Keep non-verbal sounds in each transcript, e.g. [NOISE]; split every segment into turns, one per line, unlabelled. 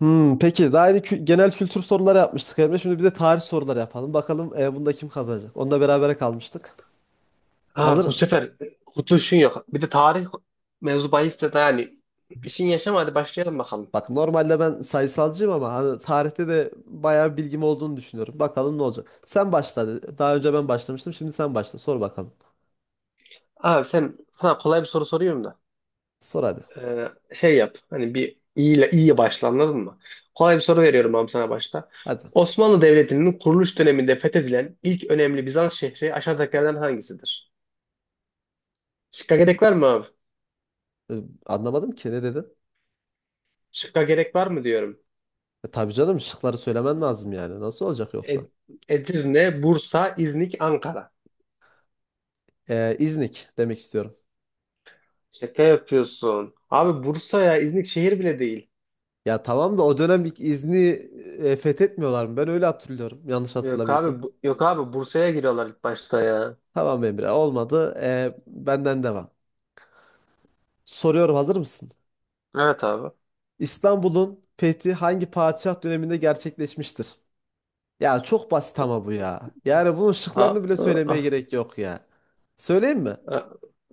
Peki daha yeni genel kültür soruları yapmıştık Emre. Şimdi bir de tarih soruları yapalım. Bakalım bunda kim kazanacak? Onu berabere kalmıştık.
Ha, bu
Hazır.
sefer kurtuluşun yok. Bir de tarih mevzu bahisse de yani işin yaşama hadi başlayalım bakalım.
Bak normalde ben sayısalcıyım ama hani tarihte de bayağı bilgim olduğunu düşünüyorum. Bakalım ne olacak. Sen başla. Dedi. Daha önce ben başlamıştım. Şimdi sen başla. Sor bakalım.
Abi sen sana kolay bir soru soruyorum da
Sor hadi.
Ee, şey yap, hani, bir iyiyle iyiye başla, anladın mı? Kolay bir soru veriyorum abi sana başta.
Hadi.
Osmanlı Devleti'nin kuruluş döneminde fethedilen ilk önemli Bizans şehri aşağıdakilerden hangisidir? Şıkka gerek var mı abi?
E, anlamadım ki ne dedin?
Şıkka gerek var mı diyorum.
Tabii canım şıkları söylemen lazım yani. Nasıl olacak yoksa?
Ed- Edirne, Bursa, İznik, Ankara.
İznik demek istiyorum.
Şaka yapıyorsun. Abi Bursa ya, İznik şehir bile değil.
Ya tamam da o dönem İznik'i fethetmiyorlar mı? Ben öyle hatırlıyorum. Yanlış
Yok
hatırlamıyorsam.
abi, Bursa'ya giriyorlar ilk başta ya.
Tamam Emre olmadı. Benden devam. Soruyorum hazır mısın?
Evet abi.
İstanbul'un fethi hangi padişah döneminde gerçekleşmiştir? Ya çok basit ama bu ya. Yani bunun
A-
şıklarını bile söylemeye
a-
gerek yok ya. Söyleyeyim mi?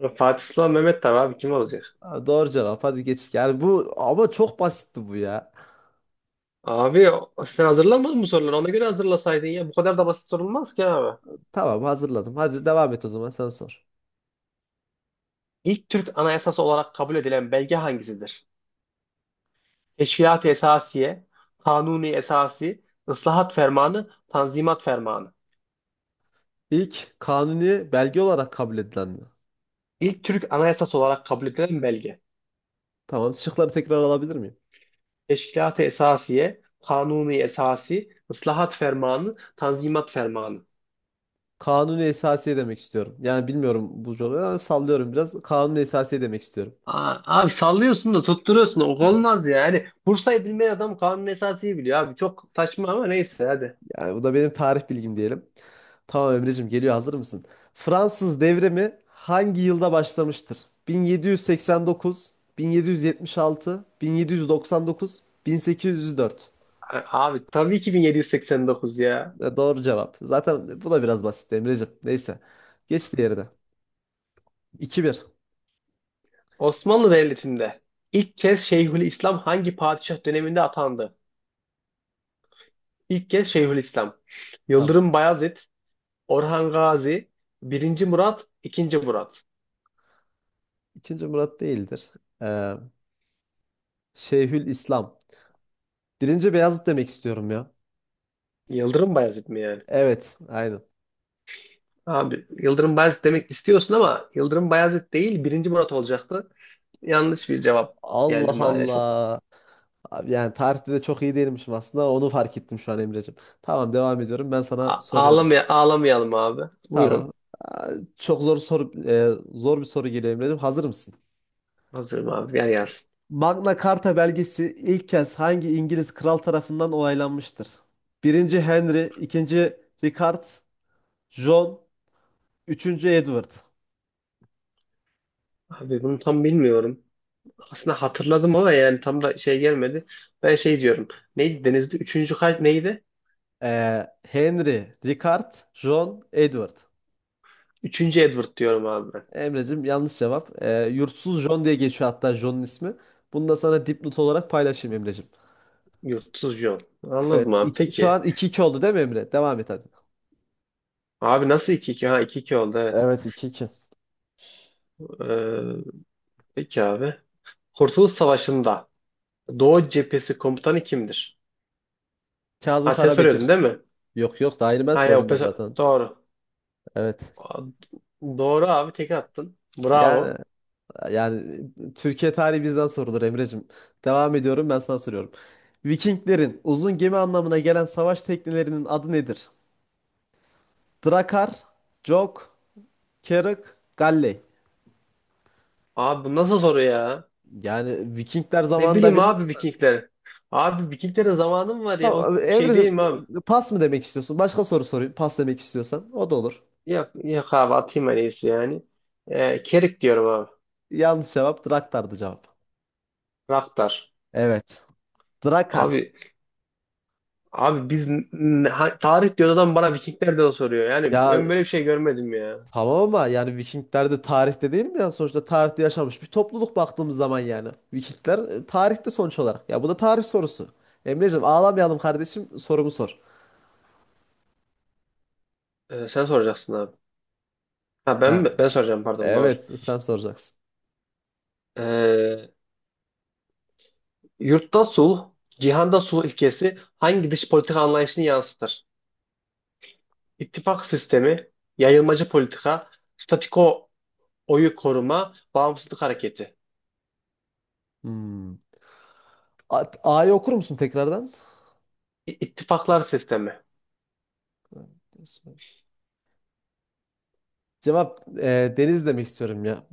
Fatih Sıla Mehmet, tabii abi, kim olacak?
Ha, doğru cevap hadi geç. Yani bu ama çok basitti bu ya.
Abi sen hazırlamadın mı soruları? Ona göre hazırlasaydın ya. Bu kadar da basit sorulmaz ki abi.
Tamam hazırladım. Hadi devam et o zaman sen sor.
İlk Türk Anayasası olarak kabul edilen belge hangisidir? Teşkilat-ı Esasiye, Kanuni Esasi, Islahat Fermanı, Tanzimat Fermanı.
İlk kanuni belge olarak kabul edilen mi?
İlk Türk Anayasası olarak kabul edilen belge.
Tamam şıkları tekrar alabilir miyim?
Teşkilat-ı Esasiye, Kanuni Esasi, Islahat Fermanı, Tanzimat Fermanı.
Kanuni esasiye demek istiyorum. Yani bilmiyorum bu cevabı ama sallıyorum biraz. Kanuni esasiye demek istiyorum.
Abi sallıyorsun da tutturuyorsun da olmaz ya. Yani Bursa'yı bilmeyen adam kanun esasıyı biliyor abi. Çok saçma ama neyse hadi.
Yani bu da benim tarih bilgim diyelim. Tamam Emre'cim geliyor hazır mısın? Fransız devrimi hangi yılda başlamıştır? 1789, 1776, 1799, 1804.
Abi tabii ki 1789 ya.
E, doğru cevap. Zaten bu da biraz basit Emre'cim. Neyse. Geç diğerine. 2-1.
Osmanlı Devleti'nde ilk kez Şeyhülislam hangi padişah döneminde atandı? İlk kez Şeyhülislam.
Tamam.
Yıldırım Bayezid, Orhan Gazi, Birinci Murat, 2. Murat.
İkinci Murat değildir. Ee, Şeyhül İslam. Birinci Beyazıt demek istiyorum ya.
Yıldırım Bayezid mi yani?
Evet. Aynen.
Abi Yıldırım Bayezid demek istiyorsun ama Yıldırım Bayezid değil, Birinci Murat olacaktı. Yanlış bir cevap geldi
Allah
maalesef.
Allah. Abi yani tarihte de çok iyi değilmişim aslında. Onu fark ettim şu an Emre'cim. Tamam devam ediyorum. Ben sana
A-
soruyorum.
ağlamaya ağlamayalım abi. Buyurun.
Tamam. Aa, çok zor soru zor bir soru geliyor Emre'cim. Hazır mısın?
Hazırım abi. Yer gelsin.
Magna Carta belgesi ilk kez hangi İngiliz kral tarafından onaylanmıştır? Birinci Henry, ikinci Richard, John, üçüncü Edward.
Abi bunu tam bilmiyorum. Aslında hatırladım ama yani tam da şey gelmedi. Ben şey diyorum. Neydi denizde? Üçüncü kalp neydi?
Henry, Richard, John, Edward.
Üçüncü Edward diyorum abi ben.
Emre'cim yanlış cevap. Yurtsuz John diye geçiyor hatta John'un ismi. Bunu da sana dipnot olarak paylaşayım Emre'cim.
Yurtsuz John.
Evet.
Anladım abi.
Şu
Peki.
an iki iki oldu değil mi Emre? Devam et hadi.
Abi nasıl 2-2? Ha, 2-2 oldu, evet.
Evet iki iki.
Ee, peki abi. Kurtuluş Savaşı'nda Doğu Cephesi komutanı kimdir?
Kazım
Ha, sen soruyordun
Karabekir.
değil mi?
Yok yok daha yeni ben
Ha ya, o
sordum ya zaten.
doğru.
Evet.
Doğru abi, tek attın.
Yani
Bravo.
yani Türkiye tarihi bizden sorulur Emre'cim. Devam ediyorum ben sana soruyorum. Vikinglerin uzun gemi anlamına gelen savaş teknelerinin adı nedir? Drakar, Jok, Keruk, Galley.
Abi bu nasıl soru ya?
Yani Vikingler
Ne
zamanında
bileyim abi
bilmiyorsan.
Vikingler. Abi Vikinglere zamanım var ya. O
Tamam
şey değil
Emre'cim
mi abi?
pas mı demek istiyorsun? Başka soru sorayım. Pas demek istiyorsan o da olur.
Yok, yok abi, atayım en iyisi yani. Kerik diyorum abi.
Yanlış cevap Draktar'dı cevap.
Raktar.
Evet. Drakar.
Abi abi, tarih diyor adam, bana Vikinglerden soruyor. Yani
Ya
ben böyle bir şey görmedim ya.
tamam ama yani Vikingler de tarihte değil mi? Yani sonuçta tarihte yaşamış bir topluluk baktığımız zaman yani. Vikingler tarihte sonuç olarak. Ya bu da tarih sorusu. Emreciğim ağlamayalım kardeşim sorumu sor.
Sen soracaksın abi. Ha, ben mi?
Ha,
Ben soracağım, pardon, doğru.
evet sen soracaksın.
Ee, yurtta sulh, cihanda sulh ilkesi hangi dış politika anlayışını yansıtır? İttifak sistemi, yayılmacı politika, statiko oyu koruma, bağımsızlık hareketi.
Hmm. A'yı okur musun tekrardan?
İttifaklar sistemi,
Cevap deniz demek istiyorum ya.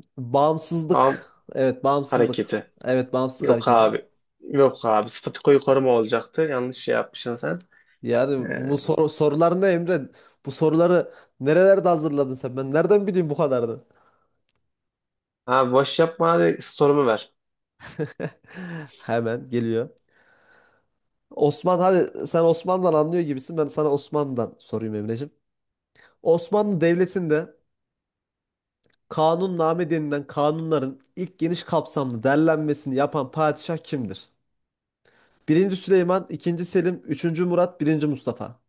bağım
Bağımsızlık. Evet bağımsızlık.
hareketi.
Evet bağımsızlık
Yok
hareketi.
abi. Yok abi. Statikoyu koruma olacaktı. Yanlış şey yapmışsın sen.
Yani
Ee,
bu sorular ne Emre? Bu soruları nerelerde hazırladın sen? Ben nereden bileyim bu kadarını?
abi boş yapma, hadi sorumu ver.
[LAUGHS] Hemen geliyor. Osman hadi sen Osman'dan anlıyor gibisin. Ben sana Osman'dan sorayım Emreciğim. Osmanlı Devleti'nde kanunname denilen kanunların ilk geniş kapsamlı derlenmesini yapan padişah kimdir? Birinci Süleyman, ikinci Selim, üçüncü Murat, birinci Mustafa.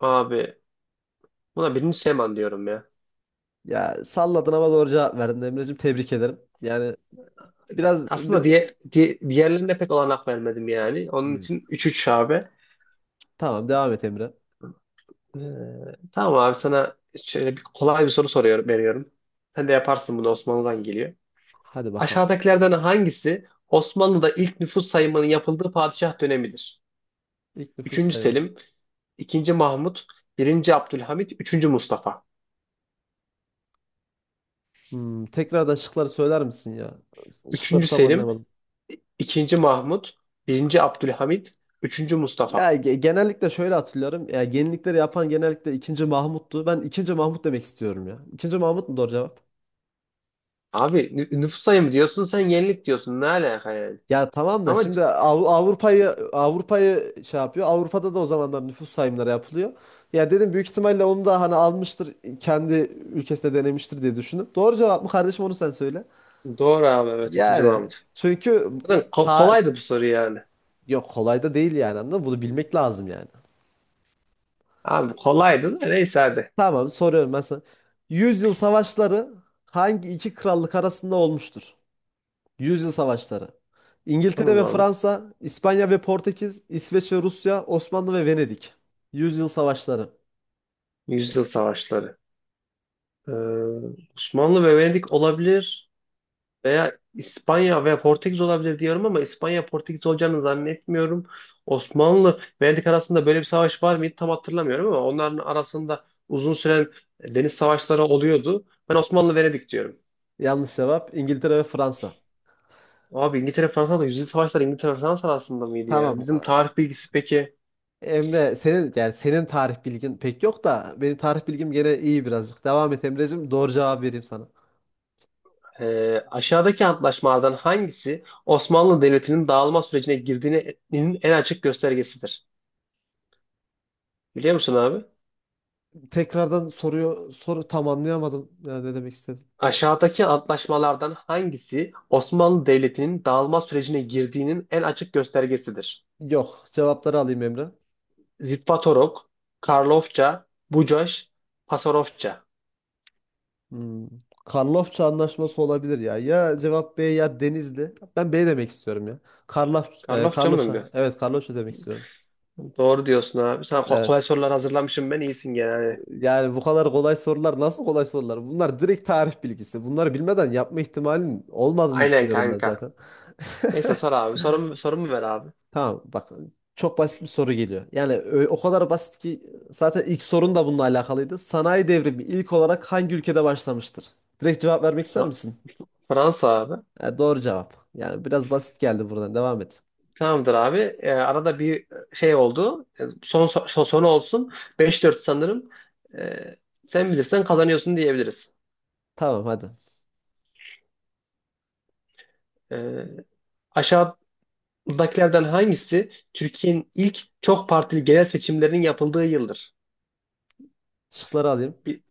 Abi buna birinci Süleyman diyorum ya.
Ya salladın ama doğru cevap verdin Emreciğim. Tebrik ederim. Yani biraz
Aslında
bir...
diğerlerine pek olanak vermedim yani. Onun
Hmm.
için 3-3 abi.
Tamam devam et Emre.
Ee, tamam abi, sana şöyle bir kolay bir soru soruyorum, veriyorum. Sen de yaparsın bunu, Osmanlı'dan geliyor.
Hadi bakalım.
Aşağıdakilerden hangisi Osmanlı'da ilk nüfus sayımının yapıldığı padişah dönemidir?
İlk nüfus
Üçüncü
sayımı.
Selim, 2. Mahmut, Birinci Abdülhamit, Üçüncü Mustafa.
Hmm, tekrardan şıkları söyler misin ya? Şıkları
Üçüncü
tam
Selim,
anlayamadım.
2. Mahmut, Birinci Abdülhamit, Üçüncü
Ya
Mustafa.
genellikle şöyle hatırlıyorum. Ya yenilikleri yapan genellikle ikinci Mahmut'tu. Ben ikinci Mahmut demek istiyorum ya. İkinci Mahmut mu doğru cevap?
Abi nüfus sayımı diyorsun, sen yenilik diyorsun, ne alaka yani?
Ya tamam da
Ama
şimdi Avrupa'yı şey yapıyor. Avrupa'da da o zamanlar nüfus sayımları yapılıyor. Ya dedim büyük ihtimalle onu da hani almıştır kendi ülkesinde denemiştir diye düşündüm. Doğru cevap mı kardeşim onu sen söyle.
doğru abi, evet, 2.
Yani
Mahmut.
çünkü
Zaten
ta
kolaydı bu soru yani.
yok kolay da değil yani anladın mı? Bunu bilmek lazım yani.
Abi kolaydı da neyse hadi.
Tamam soruyorum ben sana. Yüzyıl savaşları hangi iki krallık arasında olmuştur? Yüzyıl savaşları. İngiltere
Tamam
ve
abi.
Fransa, İspanya ve Portekiz, İsveç ve Rusya, Osmanlı ve Venedik. Yüzyıl savaşları.
Yüzyıl savaşları. Ee, Osmanlı ve Venedik olabilir. Veya İspanya ve Portekiz olabilir diyorum, ama İspanya Portekiz olacağını zannetmiyorum. Osmanlı Venedik arasında böyle bir savaş var mıydı tam hatırlamıyorum, ama onların arasında uzun süren deniz savaşları oluyordu. Ben Osmanlı Venedik diyorum.
Yanlış cevap İngiltere ve Fransa.
Abi İngiltere Fransa, da yüzyıl savaşları İngiltere Fransa arasında mıydı ya?
Tamam.
Bizim tarih bilgisi peki.
Emre senin yani tarih bilgin pek yok da benim tarih bilgim gene iyi birazcık. Devam et Emreciğim. Doğru cevap vereyim sana.
Aşağıdaki antlaşmalardan hangisi Osmanlı Devleti'nin dağılma sürecine girdiğinin en açık göstergesidir? Biliyor musun abi?
Tekrardan soruyor soru tam anlayamadım. Ya ne demek istedim?
Aşağıdaki antlaşmalardan hangisi Osmanlı Devleti'nin dağılma sürecine girdiğinin en açık göstergesidir?
Yok. Cevapları alayım Emre.
Zitvatorok, Karlofça, Bucaş, Pasarofça.
Hmm. Karlofça anlaşması olabilir ya. Ya cevap B ya Denizli. Ben B demek istiyorum ya. Karlaf,
Karlofça mı diyor?
Karloşa. Evet Karloşa demek istiyorum.
Doğru diyorsun abi. Sana kolay
Evet.
sorular hazırlamışım ben. İyisin genelde.
Yani bu kadar kolay sorular nasıl kolay sorular? Bunlar direkt tarih bilgisi. Bunları bilmeden yapma ihtimalin olmadığını
Aynen
düşünüyorum ben
kanka.
zaten. [LAUGHS]
Neyse sor abi. Sorumu ver abi.
Tamam bak çok basit bir soru geliyor. Yani o kadar basit ki zaten ilk sorun da bununla alakalıydı. Sanayi devrimi ilk olarak hangi ülkede başlamıştır? Direkt cevap vermek ister
Fra-
misin?
Fransa abi.
Ha, doğru cevap. Yani biraz basit geldi buradan. Devam et.
Tamamdır abi. Arada bir şey oldu. Son olsun. 5-4 sanırım. Ee, sen bilirsen kazanıyorsun diyebiliriz.
Tamam hadi.
Ee, Aşağıdakilerden hangisi Türkiye'nin ilk çok partili genel seçimlerinin yapıldığı yıldır?
Şıkları alayım.
Bi-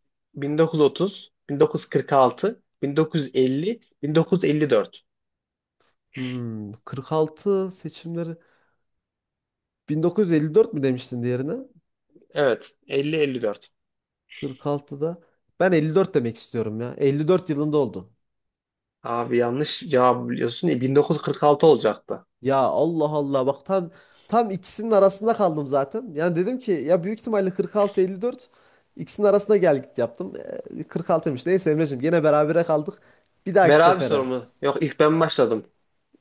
1930, 1946, 1950, 1954.
Hmm, 46 seçimleri 1954 mü demiştin diğerine?
Evet, 50-54.
46'da. Ben 54 demek istiyorum ya. 54 yılında oldu.
Abi yanlış cevap biliyorsun. 1946 olacaktı.
Ya Allah Allah bak tam ikisinin arasında kaldım zaten. Yani dedim ki ya büyük ihtimalle 46 54 ikisinin arasında gel git yaptım. 46'ymış. Neyse Emreciğim gene berabere kaldık. Bir dahaki
Ver abi
sefere.
sorumu. Yok, ilk ben başladım.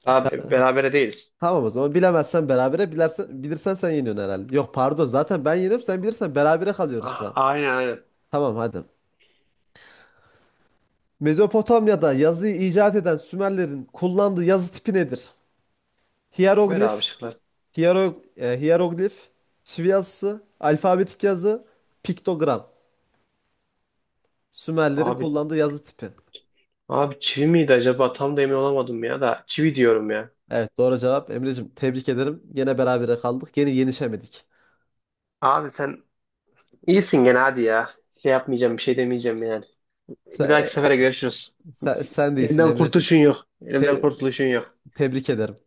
Abi berabere değiliz.
Tamam o zaman bilemezsen berabere bilirsen sen yeniyorsun herhalde. Yok pardon zaten ben yeniyorum sen bilirsen berabere kalıyoruz şu
Ah,
an.
aynen aynen.
Tamam hadi. Mezopotamya'da yazıyı icat eden Sümerlerin kullandığı yazı tipi nedir?
Ver abi
Hieroglif,
şıklar.
hieroglif, şive yazısı, alfabetik yazı, piktogram. Sümerlerin
Abi
kullandığı yazı tipi.
abi çivi miydi acaba? Tam da emin olamadım, ya da çivi diyorum ya.
Evet doğru cevap Emre'cim tebrik ederim. Yine berabere kaldık. Yine yenişemedik.
Abi sen İyisin gene hadi ya. Şey yapmayacağım, bir şey demeyeceğim yani.
Sen,
Bir dahaki sefere görüşürüz.
sen değilsin
Elimden
Emre'cim.
kurtuluşun yok. Elimden
Te-
kurtuluşun yok.
tebrik ederim.